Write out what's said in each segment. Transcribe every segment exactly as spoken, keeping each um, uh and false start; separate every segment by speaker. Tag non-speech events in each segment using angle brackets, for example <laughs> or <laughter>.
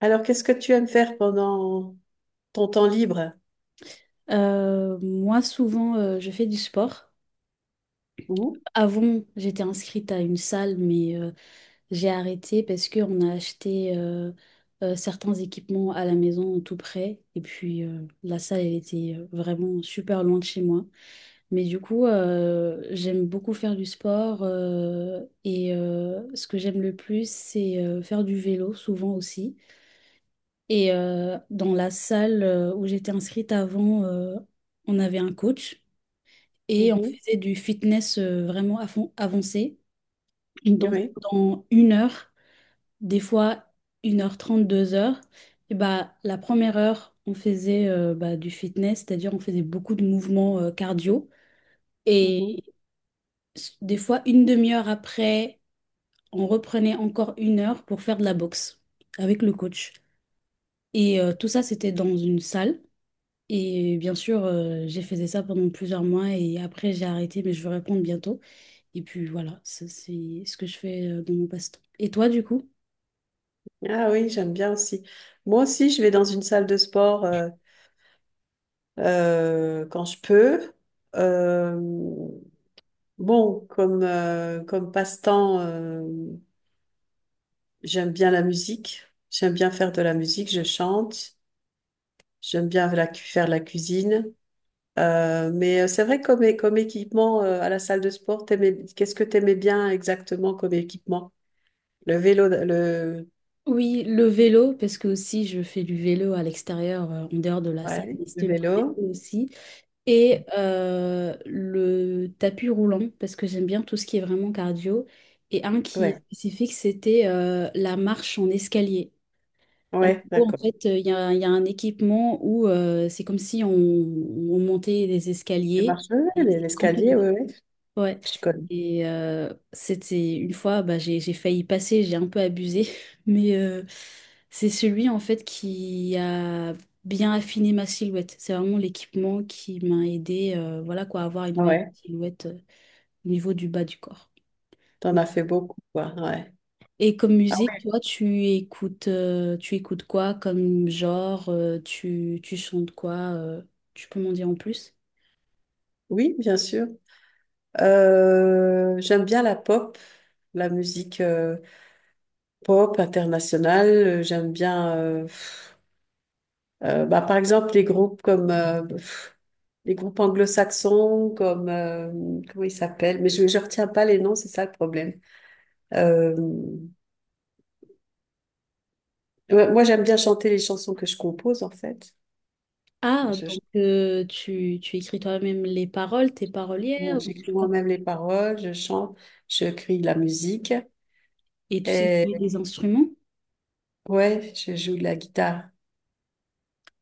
Speaker 1: Alors, qu'est-ce que tu aimes faire pendant ton temps libre?
Speaker 2: Euh, moi, souvent, euh, je fais du sport.
Speaker 1: Mhm.
Speaker 2: Avant, j'étais inscrite à une salle, mais euh, j'ai arrêté parce qu'on a acheté euh, euh, certains équipements à la maison tout près. Et puis, euh, la salle, elle était euh, vraiment super loin de chez moi. Mais du coup, euh, j'aime beaucoup faire du sport. Euh, et euh, ce que j'aime le plus, c'est euh, faire du vélo, souvent aussi. Et euh, dans la salle euh, où j'étais inscrite avant, euh, on avait un coach. Et on
Speaker 1: Mhm.
Speaker 2: faisait du fitness euh, vraiment à fond- avancé. Donc,
Speaker 1: Oui.
Speaker 2: dans une heure, des fois une heure trente, deux heures. Et bah, la première heure, on faisait euh, bah, du fitness, c'est-à-dire on faisait beaucoup de mouvements euh, cardio. Et
Speaker 1: Mhm.
Speaker 2: s- des fois, une demi-heure après, on reprenait encore une heure pour faire de la boxe avec le coach. Et euh, tout ça, c'était dans une salle. Et bien sûr, euh, j'ai fait ça pendant plusieurs mois et après, j'ai arrêté, mais je vais répondre bientôt. Et puis voilà, ça c'est ce que je fais euh, dans mon passe-temps. Et toi, du coup?
Speaker 1: Ah oui, j'aime bien aussi. Moi aussi, je vais dans une salle de sport, euh, euh, quand je peux. Euh, bon, comme, euh, comme passe-temps, euh, j'aime bien la musique. J'aime bien faire de la musique, je chante. J'aime bien la cu- faire la cuisine. Euh, mais euh, c'est vrai, comme, é- comme équipement, euh, à la salle de sport, t'aimais- qu'est-ce que tu aimais bien exactement comme équipement? Le vélo, le,
Speaker 2: Oui, le vélo, parce que aussi je fais du vélo à l'extérieur, euh, en dehors de la salle,
Speaker 1: ouais,
Speaker 2: mais
Speaker 1: le
Speaker 2: c'était le
Speaker 1: vélo.
Speaker 2: vélo aussi. Et euh, le tapis roulant, parce que j'aime bien tout ce qui est vraiment cardio. Et un qui est
Speaker 1: Ouais,
Speaker 2: spécifique, c'était euh, la marche en escalier. En
Speaker 1: ouais,
Speaker 2: gros, en
Speaker 1: d'accord.
Speaker 2: fait, euh, il y a, il y a un équipement où euh, c'est comme si on, on montait des
Speaker 1: Tu
Speaker 2: escaliers.
Speaker 1: marches, ouais,
Speaker 2: Et
Speaker 1: ouais,
Speaker 2: quand
Speaker 1: l'escalier, ouais, ouais,
Speaker 2: Ouais.
Speaker 1: je connais.
Speaker 2: Et euh, c'était une fois, bah, j'ai, j'ai failli passer, j'ai un peu abusé, <laughs> mais euh, c'est celui en fait qui a bien affiné ma silhouette. C'est vraiment l'équipement qui m'a aidé, euh, voilà quoi, à avoir une
Speaker 1: Ah
Speaker 2: meilleure
Speaker 1: ouais,
Speaker 2: silhouette euh, au niveau du bas du corps.
Speaker 1: t'en as fait beaucoup, quoi, ouais.
Speaker 2: Et comme
Speaker 1: Ah
Speaker 2: musique,
Speaker 1: ouais.
Speaker 2: toi, tu écoutes, euh, tu écoutes quoi comme genre? euh, tu, tu chantes quoi? Euh, tu peux m'en dire en plus?
Speaker 1: Oui, bien sûr. Euh, j'aime bien la pop, la musique euh, pop internationale. Euh, J'aime bien, euh, pff, euh, bah, par exemple, les groupes comme euh, pff, les groupes anglo-saxons, comme euh, comment ils s'appellent. Mais je ne retiens pas les noms, c'est ça le problème. Euh, Ouais, moi, j'aime bien chanter les chansons que je compose, en fait. Je,
Speaker 2: Ah,
Speaker 1: je-
Speaker 2: donc euh, tu, tu écris toi-même les paroles, t'es
Speaker 1: bon,
Speaker 2: parolière, ou tu...
Speaker 1: j'écris moi-même les paroles, je chante, je crée de la musique.
Speaker 2: Et tu sais
Speaker 1: Et
Speaker 2: jouer des instruments?
Speaker 1: ouais, je joue de la guitare.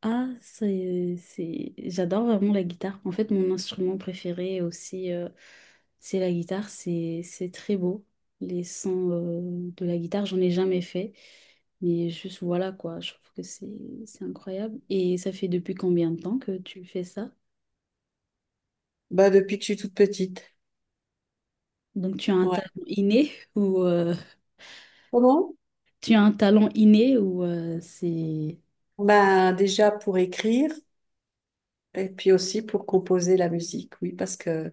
Speaker 2: Ah, c'est, euh, c'est... J'adore vraiment la guitare. En fait, mon instrument préféré aussi, euh, c'est la guitare. C'est, c'est très beau. Les sons, euh, de la guitare, j'en ai jamais fait. Mais juste voilà quoi, je trouve que c'est, c'est incroyable. Et ça fait depuis combien de temps que tu fais ça?
Speaker 1: Bah, depuis que je suis toute petite.
Speaker 2: Donc tu as un
Speaker 1: Ouais.
Speaker 2: talent inné, <laughs> ou euh,
Speaker 1: Comment?
Speaker 2: tu as un talent inné, ou euh, c'est...
Speaker 1: Bah, déjà pour écrire et puis aussi pour composer la musique. Oui, parce que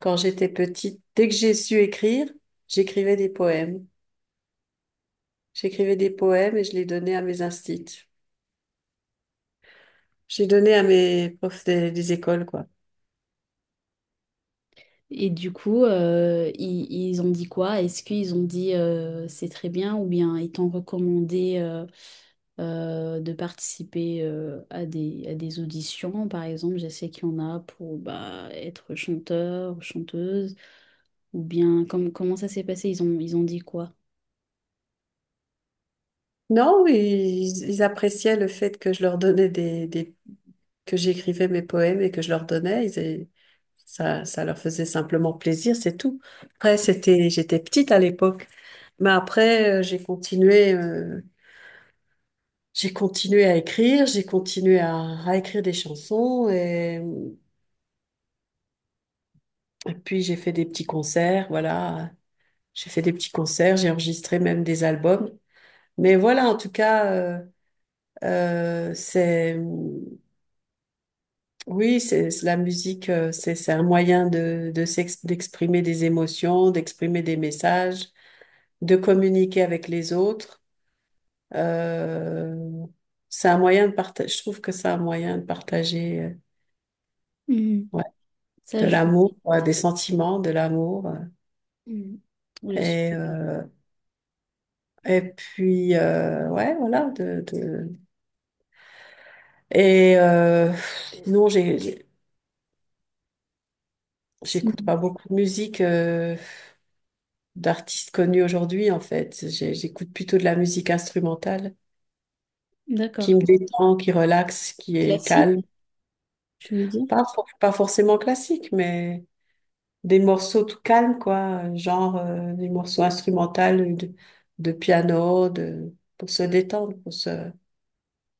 Speaker 1: quand j'étais petite, dès que j'ai su écrire, j'écrivais des poèmes. J'écrivais des poèmes et je les donnais à mes instits. J'ai donné à mes profs des, des écoles, quoi.
Speaker 2: Et du coup, euh, ils, ils ont dit quoi? Est-ce qu'ils ont dit euh, c'est très bien, ou bien ils t'ont recommandé euh, euh, de participer euh, à des, à des auditions? Par exemple, je sais qu'il y en a pour bah, être chanteur ou chanteuse, ou bien com- comment ça s'est passé? Ils ont, ils ont dit quoi?
Speaker 1: Non, ils, ils appréciaient le fait que je leur donnais des, des- que j'écrivais mes poèmes et que je leur donnais. Ils, et ça, ça leur faisait simplement plaisir, c'est tout. Après, c'était, j'étais petite à l'époque, mais après, euh, j'ai continué, euh, j'ai continué à écrire, j'ai continué à, à écrire des chansons et, et puis j'ai fait des petits concerts, voilà. J'ai fait des petits concerts, j'ai enregistré même des albums. Mais voilà, en tout cas, euh, euh, c'est... Oui, c'est c'est la musique, euh, c'est c'est un moyen de, de s'ex- d'exprimer des émotions, d'exprimer des messages, de communiquer avec les autres. Euh, c'est un moyen de partager. Je trouve que c'est un moyen de partager, euh,
Speaker 2: Mhm.
Speaker 1: ouais,
Speaker 2: Ça,
Speaker 1: de
Speaker 2: je...
Speaker 1: l'amour, ouais, des sentiments, de l'amour. euh,
Speaker 2: Mhm. Je sais
Speaker 1: Et
Speaker 2: pas.
Speaker 1: euh, et puis euh, ouais, voilà. De, de... Et euh, sinon, j'ai j'ai- j'écoute
Speaker 2: Si.
Speaker 1: pas beaucoup de musique euh, d'artistes connus aujourd'hui, en fait. J'ai- J'écoute plutôt de la musique instrumentale qui
Speaker 2: D'accord.
Speaker 1: me détend, qui relaxe, qui est
Speaker 2: Classique,
Speaker 1: calme.
Speaker 2: tu veux dire?
Speaker 1: Pas, for- pas forcément classique, mais des morceaux tout calmes, quoi. Genre euh, des morceaux instrumentaux de, de piano, de, pour se détendre, pour se...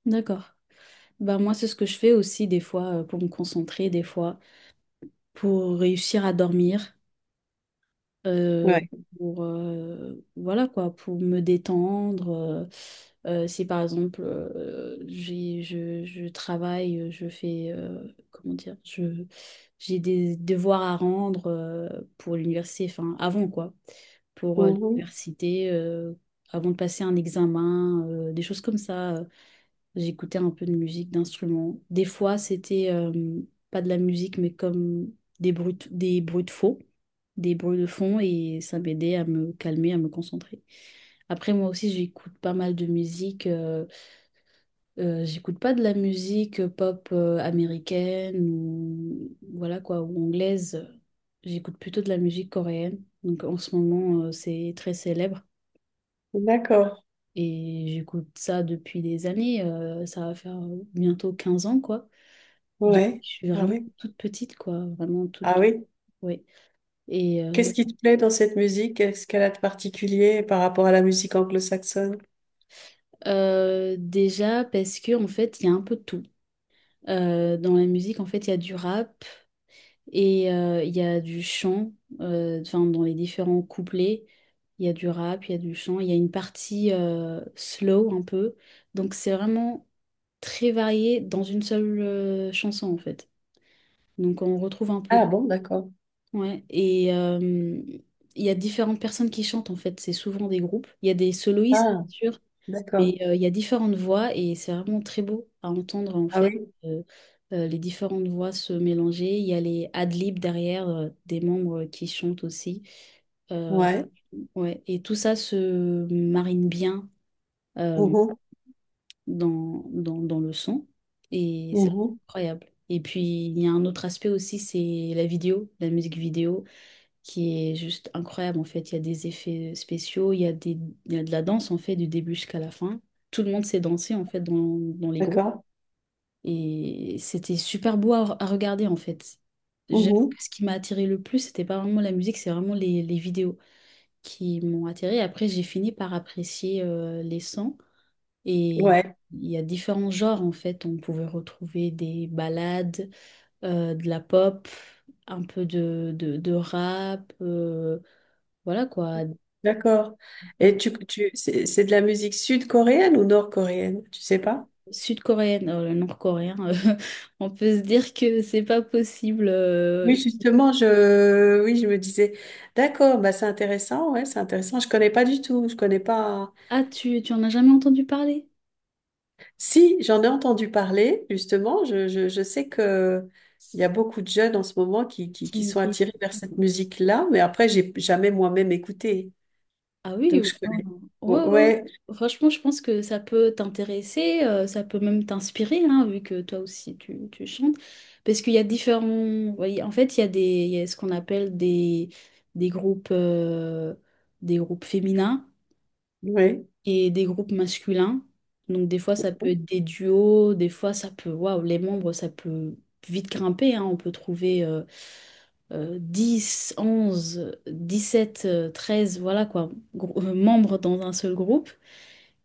Speaker 2: D'accord. Bah moi, c'est ce que je fais aussi des fois, euh, pour me concentrer, des fois. Pour réussir à dormir, euh,
Speaker 1: Ouais.
Speaker 2: pour euh, voilà quoi, pour me détendre. Euh, euh, si par exemple euh, j'ai, je, je travaille, euh, je fais, euh, comment dire, je j'ai des devoirs à rendre, euh, pour l'université, enfin avant quoi, pour euh,
Speaker 1: Mhm.
Speaker 2: l'université, euh, avant de passer un examen, euh, des choses comme ça. euh, J'écoutais un peu de musique, d'instruments. Des fois, c'était euh, pas de la musique, mais comme des bruits, de- des bruits de faux, des bruits de fond, et ça m'aidait à me calmer, à me concentrer. Après, moi aussi, j'écoute pas mal de musique. Euh, euh, j'écoute pas de la musique pop euh, américaine ou voilà quoi, ou anglaise. J'écoute plutôt de la musique coréenne. Donc en ce moment, euh, c'est très célèbre.
Speaker 1: D'accord.
Speaker 2: Et j'écoute ça depuis des années. Euh, ça va faire bientôt quinze ans, quoi. Depuis que
Speaker 1: Ouais.
Speaker 2: je suis
Speaker 1: Ah
Speaker 2: vraiment
Speaker 1: oui.
Speaker 2: toute petite, quoi, vraiment
Speaker 1: Ah
Speaker 2: toute,
Speaker 1: oui.
Speaker 2: ouais. Et euh,
Speaker 1: Qu'est-ce qui te plaît dans cette musique? Qu'est-ce qu'elle a de particulier par rapport à la musique anglo-saxonne?
Speaker 2: euh, déjà parce que en fait, il y a un peu de tout. Euh, dans la musique, en fait, il y a du rap et euh, il y a du chant. Euh, enfin, dans les différents couplets, il y a du rap, il y a du chant, il y a une partie euh, slow un peu. Donc, c'est vraiment très varié dans une seule euh, chanson, en fait. Donc, on retrouve un peu
Speaker 1: Ah bon, d'accord.
Speaker 2: Ouais, et euh, il y a différentes personnes qui chantent en fait, c'est souvent des groupes. Il y a des soloistes, bien
Speaker 1: Ah,
Speaker 2: sûr, mais
Speaker 1: d'accord.
Speaker 2: euh, il y a différentes voix et c'est vraiment très beau à entendre en
Speaker 1: Ah
Speaker 2: fait.
Speaker 1: oui.
Speaker 2: euh, euh, les différentes voix se mélanger. Il y a les ad-libs derrière, euh, des membres qui chantent aussi. Euh,
Speaker 1: Ouais.
Speaker 2: ouais, et tout ça se marine bien, euh,
Speaker 1: Mhm.
Speaker 2: dans, dans, dans le son, et c'est
Speaker 1: Mhm.
Speaker 2: incroyable. Et puis il y a un autre aspect aussi, c'est la vidéo, la musique vidéo qui est juste incroyable en fait. Il y a des effets spéciaux, il y a des, il y a de la danse en fait du début jusqu'à la fin. Tout le monde s'est dansé en fait dans, dans les groupes
Speaker 1: D'accord.
Speaker 2: et c'était super beau à, à regarder en fait. J'avoue
Speaker 1: Mhm.
Speaker 2: que ce qui m'a attiré le plus, c'était pas vraiment la musique, c'est vraiment les, les vidéos qui m'ont attiré. Après, j'ai fini par apprécier euh, les sons. Et
Speaker 1: Ouais.
Speaker 2: il y a différents genres en fait. On pouvait retrouver des ballades, euh, de la pop, un peu de, de, de rap. Euh, voilà quoi.
Speaker 1: D'accord. Et tu, tu, c'est c'est de la musique sud-coréenne ou nord-coréenne? Tu sais pas?
Speaker 2: Sud-coréenne, euh, nord-coréen, <laughs> euh, on peut se dire que c'est pas possible.
Speaker 1: Oui,
Speaker 2: euh.
Speaker 1: justement, je, oui, je me disais, d'accord, bah c'est intéressant, ouais, c'est intéressant. Je connais pas du tout, je connais pas.
Speaker 2: Ah, tu, tu en as jamais entendu parler?
Speaker 1: Si, j'en ai entendu parler, justement. Je, je, je sais que il y a beaucoup de jeunes en ce moment qui, qui, qui
Speaker 2: Qui-
Speaker 1: sont
Speaker 2: qui-
Speaker 1: attirés vers cette musique-là, mais après, j'ai jamais moi-même écouté,
Speaker 2: Ah oui,
Speaker 1: donc
Speaker 2: oui.
Speaker 1: je connais.
Speaker 2: Ouais,
Speaker 1: Bon,
Speaker 2: ouais, ouais.
Speaker 1: ouais,
Speaker 2: Franchement, je pense que ça peut t'intéresser, euh, ça peut même t'inspirer, hein, vu que toi aussi tu, tu chantes. Parce qu'il y a différents. Voyez, en fait, il y a des, il y a ce qu'on appelle des, des groupes, euh, des groupes féminins,
Speaker 1: ouais.
Speaker 2: et des groupes masculins. Donc des fois ça peut être des duos, des fois ça peut, waouh, les membres, ça peut vite grimper, hein. On peut trouver euh, euh, dix, onze, dix-sept, euh, treize, voilà quoi, grou- euh, membres dans un seul groupe.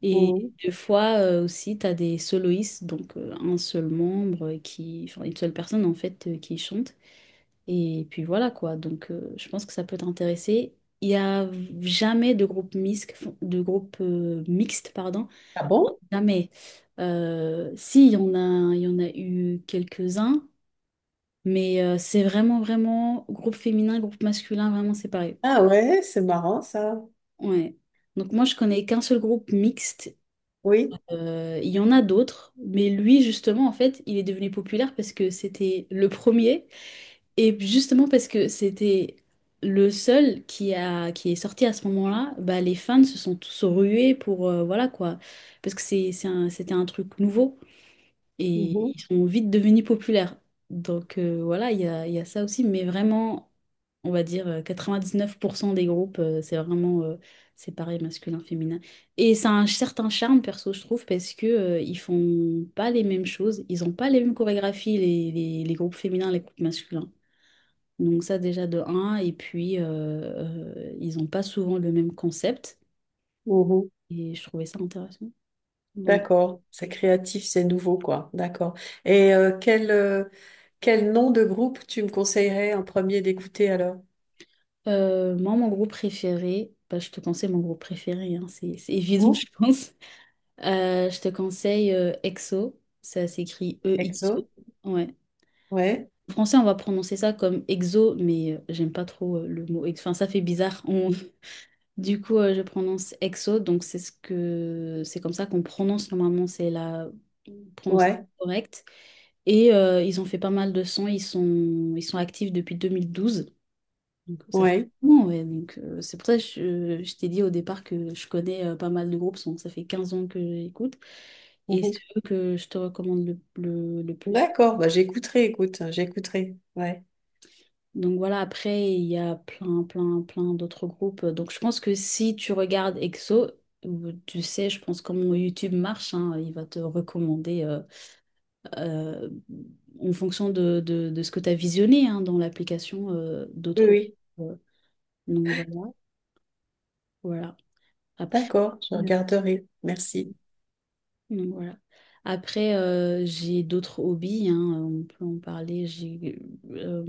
Speaker 2: Et
Speaker 1: Mhm.
Speaker 2: des fois euh, aussi tu as des soloistes, donc euh, un seul membre qui, enfin une seule personne en fait, euh, qui chante. Et puis voilà quoi, donc euh, je pense que ça peut t'intéresser. Il n'y a jamais de groupe mixte, de groupe euh, mixte, pardon,
Speaker 1: Ah bon?
Speaker 2: jamais. Euh, si, il y en a, il y en a eu quelques-uns, mais euh, c'est vraiment, vraiment groupe féminin, groupe masculin, vraiment séparé.
Speaker 1: Ah ouais, c'est marrant ça.
Speaker 2: Ouais. Donc moi, je connais qu'un seul groupe mixte.
Speaker 1: Oui.
Speaker 2: Euh, il y en a d'autres, mais lui, justement, en fait, il est devenu populaire parce que c'était le premier. Et justement parce que c'était le seul qui a qui est sorti à ce moment-là, bah les fans se sont tous rués pour euh, voilà quoi, parce que c'est c'est un- c'était un truc nouveau et
Speaker 1: Mhm.
Speaker 2: ils sont vite devenus populaires. Donc euh, voilà, il y a, il y a ça aussi, mais vraiment, on va dire euh, quatre-vingt-dix-neuf pour cent des groupes, euh, c'est vraiment euh, séparé masculin, féminin. Et ça a un certain charme, perso, je trouve, parce que euh, ils font pas les mêmes choses, ils ont pas les mêmes chorégraphies, les, les- les groupes féminins, les groupes masculins. Donc ça déjà de un, et puis euh, euh, ils ont pas souvent le même concept,
Speaker 1: Mhm.
Speaker 2: et je trouvais ça intéressant.
Speaker 1: D'accord, c'est créatif, c'est nouveau, quoi. D'accord. Et euh, quel, euh, quel nom de groupe tu me conseillerais en premier d'écouter alors?
Speaker 2: Euh, moi, mon groupe préféré, bah, je te conseille mon groupe préféré, hein, c'est c'est évident, <laughs>
Speaker 1: Hein,
Speaker 2: je pense. Euh, je te conseille euh, EXO, ça s'écrit E X O.
Speaker 1: EXO?
Speaker 2: Ouais.
Speaker 1: Ouais,
Speaker 2: En français, on va prononcer ça comme EXO, mais euh, j'aime pas trop euh, le mot EXO. Enfin, ça fait bizarre. On- <laughs> Du coup, euh, je prononce EXO, donc c'est ce que c'est comme ça qu'on prononce normalement, c'est la prononciation
Speaker 1: ouais,
Speaker 2: correcte. Et euh, ils ont fait pas mal de sons, ils sont, ils sont actifs depuis deux mille douze. Donc, ça fait
Speaker 1: ouais.
Speaker 2: un moment, ouais. Donc, euh, c'est pour ça que je, je t'ai dit au départ que je connais euh, pas mal de groupes. donc ça fait quinze ans que j'écoute. Et
Speaker 1: Mhm.
Speaker 2: c'est eux que je te recommande le, le, le plus.
Speaker 1: D'accord, bah j'écouterai, écoute, j'écouterai. Ouais.
Speaker 2: Donc voilà, après, il y a plein, plein, plein d'autres groupes. Donc je pense que si tu regardes EXO, euh, tu sais, je pense comment YouTube marche, hein, il va te recommander euh, euh, en fonction de, de, de ce que tu as visionné, hein, dans l'application, euh,
Speaker 1: Oui,
Speaker 2: d'autres
Speaker 1: oui.
Speaker 2: groupes. Donc voilà, voilà. Après.
Speaker 1: D'accord, je regarderai. Merci.
Speaker 2: Donc voilà. Après, euh, j'ai d'autres hobbies, hein, on peut en parler. J'ai, euh,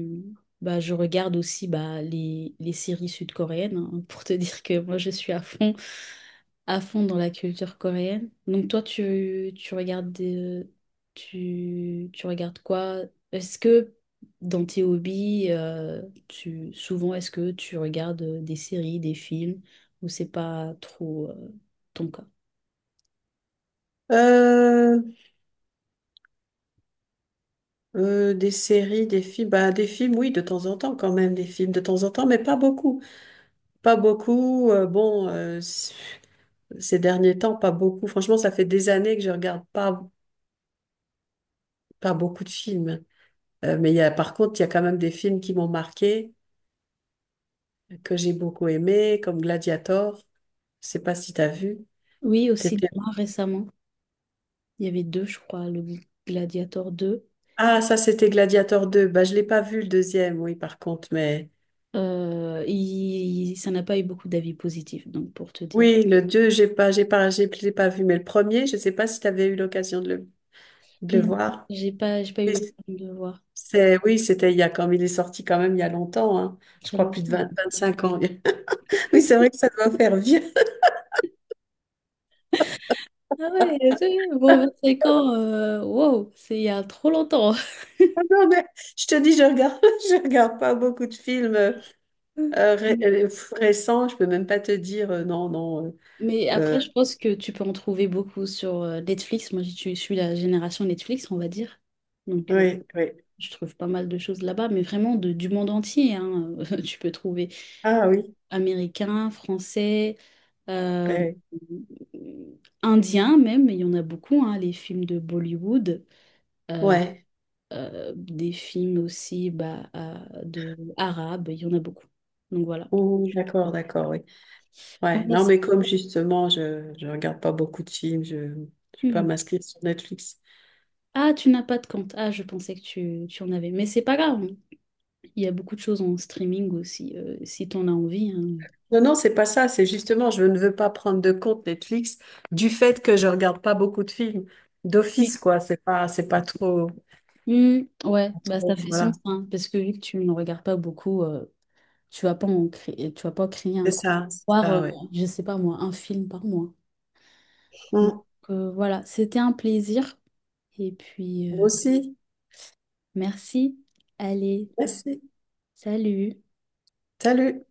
Speaker 2: bah, je regarde aussi bah, les, les séries sud-coréennes, hein, pour te <laughs> dire que moi, je suis à fond, à fond dans la culture coréenne. Donc toi, tu, tu regardes des- tu, tu regardes quoi? Est-ce que dans tes hobbies, euh, tu, souvent, est-ce que tu regardes euh, des séries, des films, ou c'est pas trop, euh, ton cas?
Speaker 1: Euh, euh, des séries, des films, bah, des films, oui, de temps en temps quand même, des films de temps en temps, mais pas beaucoup. Pas beaucoup. euh, bon, euh, Ces derniers temps, pas beaucoup. Franchement, ça fait des années que je regarde pas, pas beaucoup de films. Euh, mais il y a, par contre, il y a quand même des films qui m'ont marqué, que j'ai beaucoup aimé, comme Gladiator. Je sais pas si t'as vu.
Speaker 2: Oui, aussi,
Speaker 1: T'étais-
Speaker 2: moi, récemment. Il y avait deux, je crois, le Gladiator deux.
Speaker 1: Ah, ça, c'était Gladiator deux. Bah, je l'ai pas vu, le deuxième, oui, par contre, mais
Speaker 2: Euh, il- ça n'a pas eu beaucoup d'avis positifs, donc pour te dire.
Speaker 1: oui, le deux j'ai pas, j'ai pas, j'ai j'ai pas vu. Mais le premier, je sais pas si t'avais eu l'occasion de le, de le
Speaker 2: Non,
Speaker 1: voir.
Speaker 2: j'ai pas, j'ai pas eu
Speaker 1: Mais
Speaker 2: l'occasion de le voir.
Speaker 1: c'est, oui, c'était il y a quand il est sorti, quand même il y a longtemps, hein. Je
Speaker 2: Très
Speaker 1: crois plus de
Speaker 2: longtemps.
Speaker 1: vingt vingt cinq ans. <laughs> Oui, c'est vrai que ça doit faire vieux.
Speaker 2: Ah ouais, c'est bon, 25 ans, euh, wow, c'est il y a trop longtemps.
Speaker 1: Ah non, mais je te dis, je regarde, <laughs> je regarde pas beaucoup de films euh, euh, ré-
Speaker 2: <laughs>
Speaker 1: euh, récents. Je peux même pas te dire, euh, non, non.
Speaker 2: Mais
Speaker 1: euh, euh,
Speaker 2: après, je pense que tu peux en trouver beaucoup sur euh, Netflix. Moi, je suis je suis la génération Netflix, on va dire. Donc, euh,
Speaker 1: oui, oui.
Speaker 2: je trouve pas mal de choses là-bas, mais vraiment de- du monde entier, hein, <laughs> tu peux trouver.
Speaker 1: Ah oui,
Speaker 2: Américains, français, euh,
Speaker 1: ouais.
Speaker 2: indiens même, il y en a beaucoup, hein, les films de Bollywood,
Speaker 1: Ouais.
Speaker 2: euh, des films aussi bah, euh, de arabes, il y en a beaucoup. Donc voilà.
Speaker 1: Ouh, d'accord, d'accord, oui.
Speaker 2: Bon,
Speaker 1: Ouais.
Speaker 2: mais
Speaker 1: Non,
Speaker 2: c'est-
Speaker 1: mais comme justement, je je regarde pas beaucoup de films. Je ne suis pas
Speaker 2: Mhm.
Speaker 1: m'inscrire sur Netflix.
Speaker 2: Ah, tu n'as pas de compte. Ah, je pensais que tu, tu en avais. Mais c'est pas grave, hein. Il y a beaucoup de choses en streaming aussi, euh, si tu en as envie, hein.
Speaker 1: Non, non, c'est pas ça. C'est justement, je ne veux pas prendre de compte Netflix du fait que je regarde pas beaucoup de films
Speaker 2: Oui.
Speaker 1: d'office, quoi. C'est pas, c'est pas trop,
Speaker 2: Hmm, ouais,
Speaker 1: pas
Speaker 2: bah ça
Speaker 1: trop.
Speaker 2: fait sens,
Speaker 1: Voilà.
Speaker 2: hein, parce que vu que tu ne regardes pas beaucoup, euh, tu vas pas en créer, tu vas pas créer
Speaker 1: C'est
Speaker 2: un compte,
Speaker 1: ça, c'est
Speaker 2: voir, euh,
Speaker 1: ça, ouais.
Speaker 2: je sais pas moi, un film par mois. Donc
Speaker 1: Mmh.
Speaker 2: euh, voilà, c'était un plaisir. Et puis,
Speaker 1: Moi
Speaker 2: euh,
Speaker 1: aussi.
Speaker 2: merci. Allez,
Speaker 1: Merci.
Speaker 2: salut.
Speaker 1: Salut.